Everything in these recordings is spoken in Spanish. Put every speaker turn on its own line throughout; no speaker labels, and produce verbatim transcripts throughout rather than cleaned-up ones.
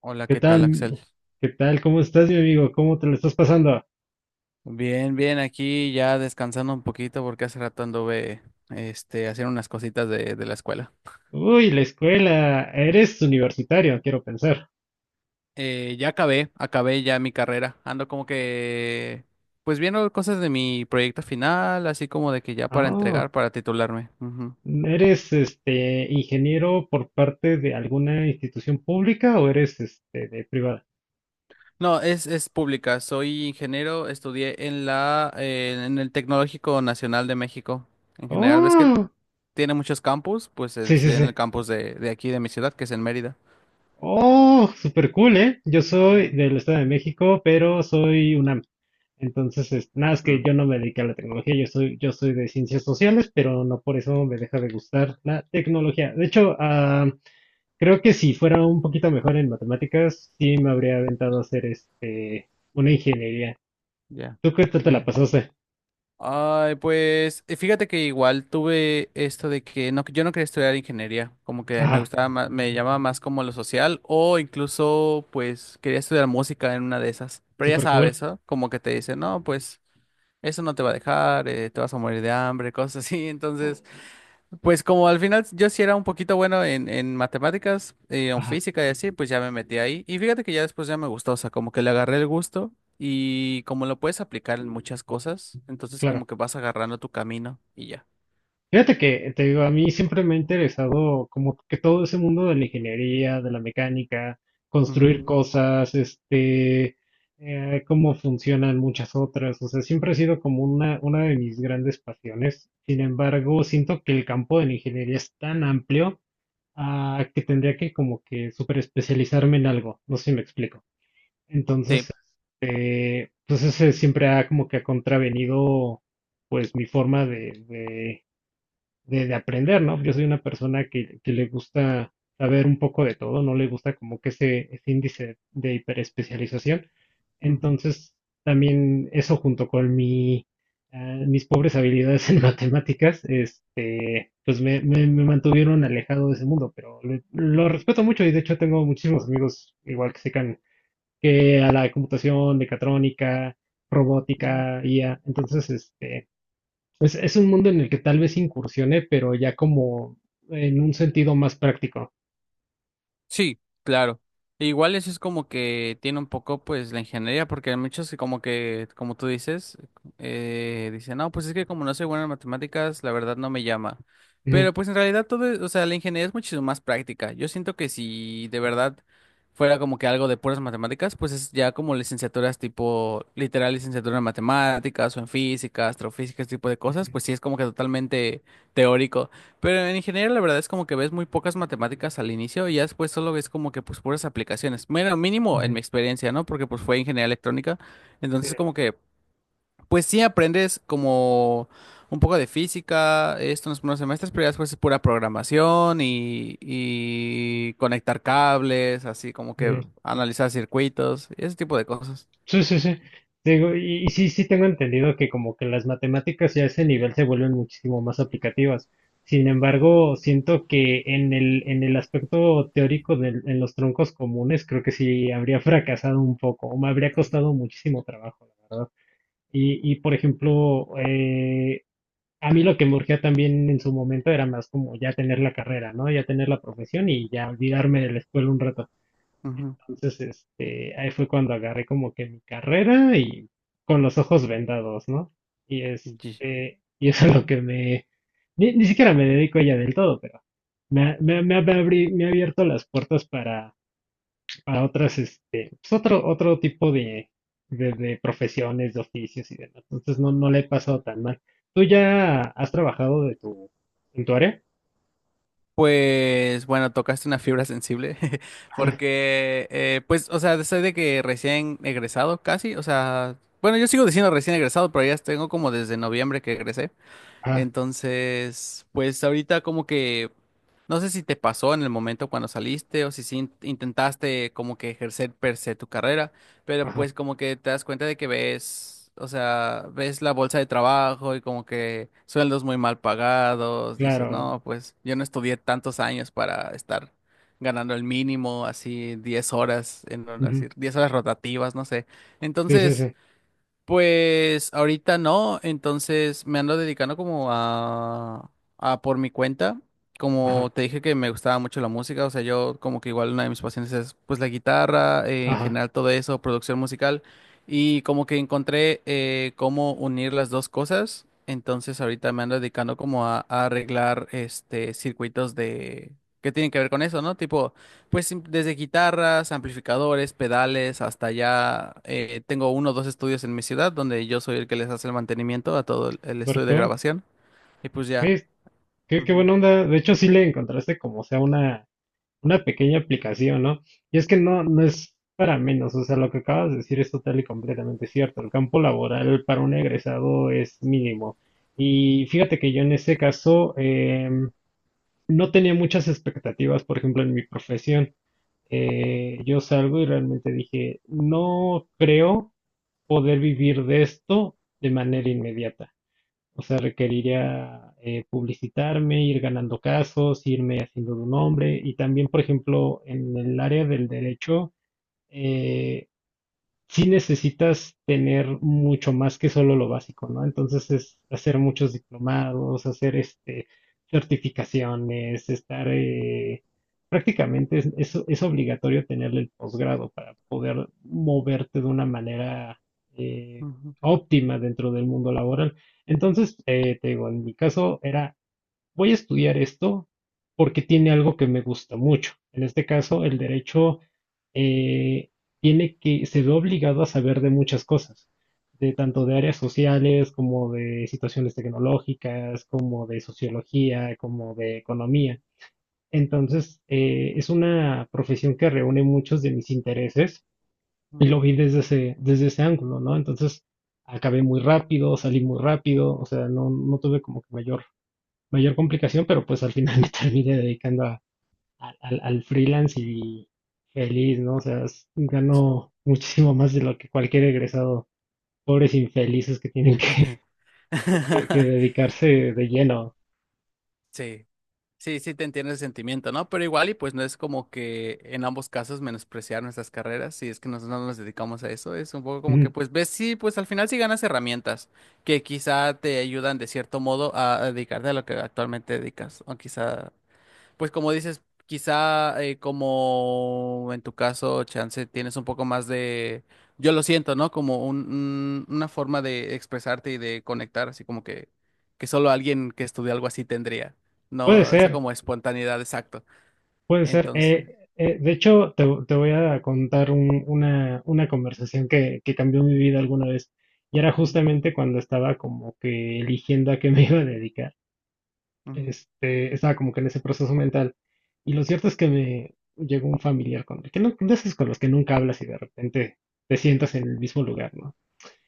Hola,
¿Qué
¿qué tal, Axel?
tal? ¿Qué tal? ¿Cómo estás, mi amigo? ¿Cómo te lo estás pasando?
Bien, bien, aquí ya descansando un poquito porque hace rato anduve este, haciendo unas cositas de, de la escuela.
Uy, la escuela. Eres universitario, quiero pensar.
Eh, ya acabé, acabé ya mi carrera. Ando como que, pues viendo cosas de mi proyecto final, así como de que ya para
Ah,
entregar, para titularme. Ujú.
¿eres este ingeniero por parte de alguna institución pública o eres este de privada?
No, es, es pública. Soy ingeniero, estudié en la, eh, en el Tecnológico Nacional de México. En general, ves que
Oh,
tiene muchos campus, pues eh,
sí, sí,
estudié en el
sí.
campus de, de aquí, de mi ciudad, que es en Mérida.
Oh, super cool, ¿eh? Yo soy
Ujú.
del Estado de México, pero soy UNAM. Entonces, es- nada, es
Mm.
que yo no me dediqué a la tecnología, yo soy, yo soy de ciencias sociales, pero no por eso me deja de gustar la tecnología. De hecho, ah, creo que si fuera un poquito mejor en matemáticas, sí me habría aventado a hacer este una ingeniería.
Ya,
¿Tú qué tal te la
ya.
pasaste?
Ay, pues eh, fíjate que igual tuve esto de que no, yo no quería estudiar ingeniería, como que me
Ajá,
gustaba más, me llamaba más como lo social o incluso pues quería estudiar música en una de esas. Pero ya
súper cool.
sabes, ¿no? Como que te dicen, no, pues eso no te va a dejar, eh, te vas a morir de hambre, cosas así. Entonces, pues como al final yo sí era un poquito bueno en, en matemáticas, eh, en
Ajá,
física y así, pues ya me metí ahí. Y fíjate que ya después ya me gustó, o sea, como que le agarré el gusto y como lo puedes aplicar en muchas cosas, entonces
claro.
como que vas agarrando tu camino y ya.
Fíjate que, te digo, a mí siempre me ha interesado como que todo ese mundo de la ingeniería, de la mecánica,
Ujú.
construir cosas, este, eh, cómo funcionan muchas otras. O sea, siempre ha sido como una, una de mis grandes pasiones. Sin embargo, siento que el campo de la ingeniería es tan amplio Ah, que tendría que como que super especializarme en algo, no sé si me explico.
Sí.
Entonces, este, pues ese siempre ha como que ha contravenido pues mi forma de, de, de aprender, ¿no? Yo soy una persona que, que le gusta saber un poco de todo, no le gusta como que ese, ese índice de hiperespecialización.
Ujú,
Entonces, también eso junto con mi, eh, mis pobres habilidades en matemáticas, este, pues me, me- me mantuvieron alejado de ese mundo, pero le- lo
ujú,
respeto mucho y de hecho tengo muchísimos amigos igual que secan que a la computación, mecatrónica,
ujú.
robótica, I A. Entonces, este, pues es un mundo en el que tal vez incursione, pero ya como en un sentido más práctico.
Sí, claro. E igual eso es como que tiene un poco pues la ingeniería, porque hay muchos que como que, como tú dices, eh, dicen, no, pues es que como no soy bueno en matemáticas, la verdad no me llama.
Ujú,
Pero pues en realidad todo, es- o sea, la ingeniería es muchísimo más práctica. Yo siento que si de verdad fuera como que algo de puras matemáticas, pues es ya como licenciaturas tipo, literal licenciatura en matemáticas o en física, astrofísica, ese tipo de cosas,
ujú,
pues sí es como que totalmente teórico. Pero en ingeniería la verdad es como que ves muy pocas matemáticas al inicio y ya después solo ves como que pues puras aplicaciones. Bueno, mínimo en
ujú,
mi experiencia, ¿no? Porque pues fue ingeniería electrónica. Entonces
ujú,
como que pues sí aprendes como un poco de física, esto en los primeros semestres, pero ya después es pura programación y, y conectar cables, así como que analizar circuitos, ese tipo de cosas.
Sí, sí, sí. Digo, y, y sí, sí tengo entendido que como que las matemáticas ya a ese nivel se vuelven muchísimo más aplicativas. Sin embargo, siento que en el, en el aspecto teórico del- en los troncos comunes, creo que sí habría fracasado un poco, o me habría costado muchísimo trabajo, la verdad. Y, y por ejemplo, eh, a mí lo que me urgía también en su momento era más como ya tener la carrera, ¿no? Ya tener la profesión y ya olvidarme de la escuela un rato.
Ujú.
Entonces, este, ahí fue cuando agarré como que mi carrera y con los ojos vendados, ¿no? Y este, y eso es lo que me, ni, ni siquiera me dedico a ella del todo, pero me, ha- me, ha- me ha abri- me ha abierto las puertas para otras, este, pues otro, otro tipo de, de, de profesiones, de oficios y demás. Entonces no, no le he pasado tan mal. ¿Tú ya has trabajado de tu, en tu área?
Pues bueno, tocaste una fibra sensible
Ah,
porque, eh, pues, o sea, desde de que recién egresado casi, o sea, bueno, yo sigo diciendo recién egresado, pero ya tengo como desde noviembre que egresé.
ah,
Entonces, pues ahorita como que no sé si te pasó en el momento cuando saliste o si sí in- intentaste como que ejercer per se tu carrera, pero
ajá,
pues como que te das cuenta de que ves, o sea, ves la bolsa de trabajo y como que sueldos muy mal pagados, dices, no,
claro.
pues yo no estudié tantos años para estar ganando el mínimo, así diez horas, en, horas-
Ujú.
diez horas rotativas, no sé.
Sí, sí,
Entonces...
sí.
Pues ahorita no, entonces me ando dedicando como a, a por mi cuenta.
Ajá,
Como te dije que me gustaba mucho la música, o sea, yo como que igual una de mis pasiones es pues la guitarra, eh, en
ajá.
general todo eso, producción musical, y como que encontré eh, cómo unir las dos cosas, entonces ahorita me ando dedicando como a, a arreglar este circuitos de que tienen que ver con eso, ¿no? Tipo pues sim- desde guitarras, amplificadores, pedales, hasta ya eh, tengo uno o dos estudios en mi ciudad donde yo soy el que les hace el mantenimiento a todo el, el
Super
estudio de
cool.
grabación. Y pues ya.
¿Ves? Qué, qué
Ujú,
buena onda. De hecho, sí le encontraste como sea una Una pequeña aplicación, ¿no? Y es que no, no es para menos, o sea, lo que acabas de decir es total y completamente cierto. El campo laboral para un egresado es mínimo. Y fíjate que yo en ese caso em, no tenía muchas expectativas, por ejemplo, en mi profesión. Eh, yo salgo y realmente dije, no creo poder vivir de esto de manera
ujú,
inmediata. O sea, requeriría eh, publicitarme, ir ganando casos, irme haciendo de un nombre y también, por ejemplo, en el área del derecho, eh, sí necesitas tener mucho más que solo lo básico, ¿no? Entonces es hacer muchos diplomados, hacer este certificaciones, estar eh, prácticamente es, es- es obligatorio tener el posgrado para poder moverte de una manera eh,
ujú,
óptima dentro del mundo laboral. Entonces, eh, te digo, en mi caso era voy a estudiar esto porque tiene algo que me gusta mucho. En este caso, el derecho eh, tiene que, se ve obligado a saber de muchas cosas, de tanto de áreas sociales como de situaciones tecnológicas, como de sociología, como de economía. Entonces, eh, es una profesión que reúne muchos de mis intereses y lo
ujú.
vi desde ese, desde ese ángulo, ¿no? Entonces, acabé muy rápido, salí muy rápido, o sea, no, no tuve como que mayor mayor complicación, pero pues al final me terminé dedicando a- a- al, al freelance y feliz, ¿no? O sea, s-
Sí.
gano muchísimo más de lo que cualquier egresado, pobres infelices que tienen que, que- que dedicarse de lleno.
Sí, sí, sí te entiendo el sentimiento, ¿no? Pero igual y pues no es como que en ambos casos menospreciar nuestras carreras, si es que nosotros no nos dedicamos a eso, es un poco como que
Ujú.
pues ves, sí, pues al final sí ganas herramientas que quizá te ayudan de cierto modo a, a dedicarte a lo que actualmente dedicas, o quizá pues como dices, quizá eh, como en tu caso, Chance, tienes un poco más de, Yo lo siento, ¿no? Como un, un- una forma de expresarte y de conectar, así como que, que solo alguien que estudia algo así tendría,
Puede
¿no? Esa
ser,
como espontaneidad, exacto.
puede ser.
Entonces,
Eh, eh, de hecho, te, te voy a contar un- una, una conversación que, que cambió mi vida alguna vez. Y era
ujú,
justamente cuando estaba como que eligiendo a qué me iba a dedicar.
ujú,
este, estaba como que en ese proceso mental. Y lo cierto es que me llegó un familiar con que no, de esos con los que nunca hablas y de repente te sientas en el mismo lugar, ¿no?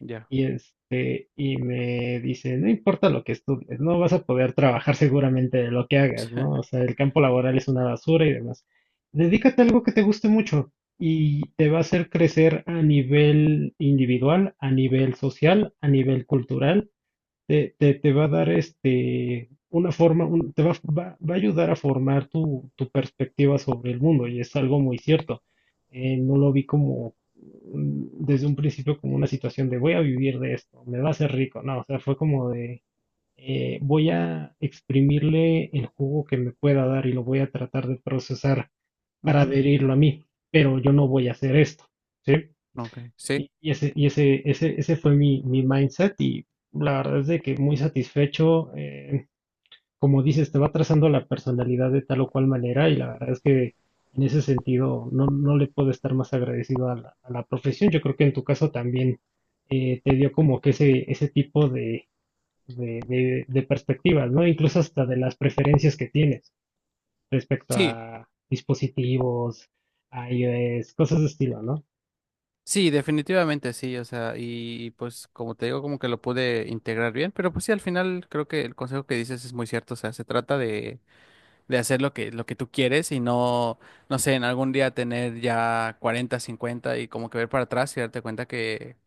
ya,
Y este, y me dice, no importa lo que estudies, no vas a poder trabajar seguramente de lo que hagas, ¿no? O sea, el campo laboral es una basura y demás. Dedícate a algo que te guste mucho y te va a hacer crecer a nivel individual, a nivel social, a nivel cultural te, te, te va a dar este, una forma, un- te va, va- va a ayudar a formar tu, tu perspectiva sobre el mundo y es algo muy cierto. Eh, no lo vi como mm, desde un principio como una situación de voy a vivir de esto, me va a hacer rico, no, o sea, fue como de eh, voy a exprimirle el jugo que me pueda dar y lo voy a tratar de procesar para
ujú,
adherirlo a mí, pero yo no voy a hacer esto, ¿sí?
ok, sí,
Y y ese, y ese, ese, ese fue mi, mi mindset y la verdad es de que muy satisfecho. eh, como dices, te va trazando la personalidad de tal o cual manera y la verdad es que en ese sentido no, no le puedo estar más agradecido a la, a la profesión. Yo creo que en tu caso también eh, te dio como que ese, ese tipo de, de, de, de perspectivas, ¿no? Incluso hasta de las preferencias que tienes respecto
sí,
a dispositivos, a iOS, cosas de estilo, ¿no?
sí, definitivamente sí, o sea, y, y pues como te digo, como que lo pude integrar bien, pero pues sí, al final creo que el consejo que dices es muy cierto, o sea, se trata de de hacer lo que, lo que tú quieres y no, no sé, en algún día tener ya cuarenta cincuenta y como que ver para atrás y darte cuenta que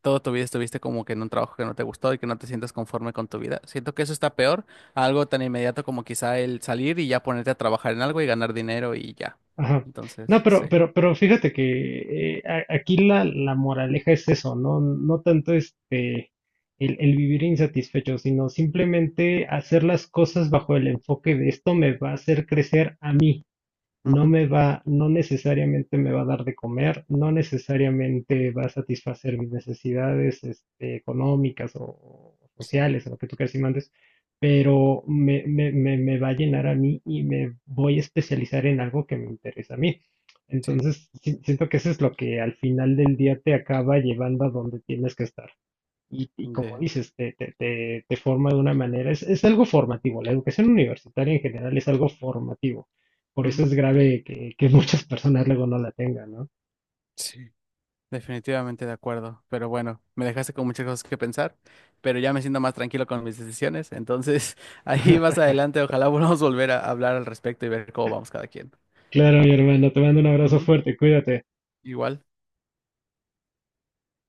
toda tu vida estuviste como que en un trabajo que no te gustó y que no te sientas conforme con tu vida. Siento que eso está peor a algo tan inmediato como quizá el salir y ya ponerte a trabajar en algo y ganar dinero y ya.
Ajá. No,
Entonces, sí.
pero, pero, pero fíjate que eh, a- aquí la, la moraleja es eso, ¿no? No tanto este el, el vivir insatisfecho, sino simplemente hacer las cosas bajo el enfoque de esto me va a hacer crecer a mí no
Ujú.
me va, no necesariamente me va a dar de comer, no necesariamente va a satisfacer mis necesidades, este, económicas o o
Sí,
sociales, o lo que tú quieras y mandes, pero me, me, me, me va a llenar a mí y me voy a especializar en algo que me interesa a mí.
sí.
Entonces, si- siento que eso es lo que al final del día te acaba llevando a donde tienes que estar. Y, y como
De.
dices, te, te, te- te forma de una manera, es, es algo formativo, la educación universitaria en general es algo formativo, por eso es
Ujú.
grave que, que muchas personas luego no la tengan, ¿no?
Sí. Definitivamente de acuerdo, pero bueno, me dejaste con muchas cosas que pensar, pero ya me siento más tranquilo con mis decisiones, entonces ahí más adelante ojalá volvamos a volver a hablar al respecto y ver cómo vamos cada quien.
Claro, mi hermano, te mando un abrazo
Ujú.
fuerte, cuídate.
Igual.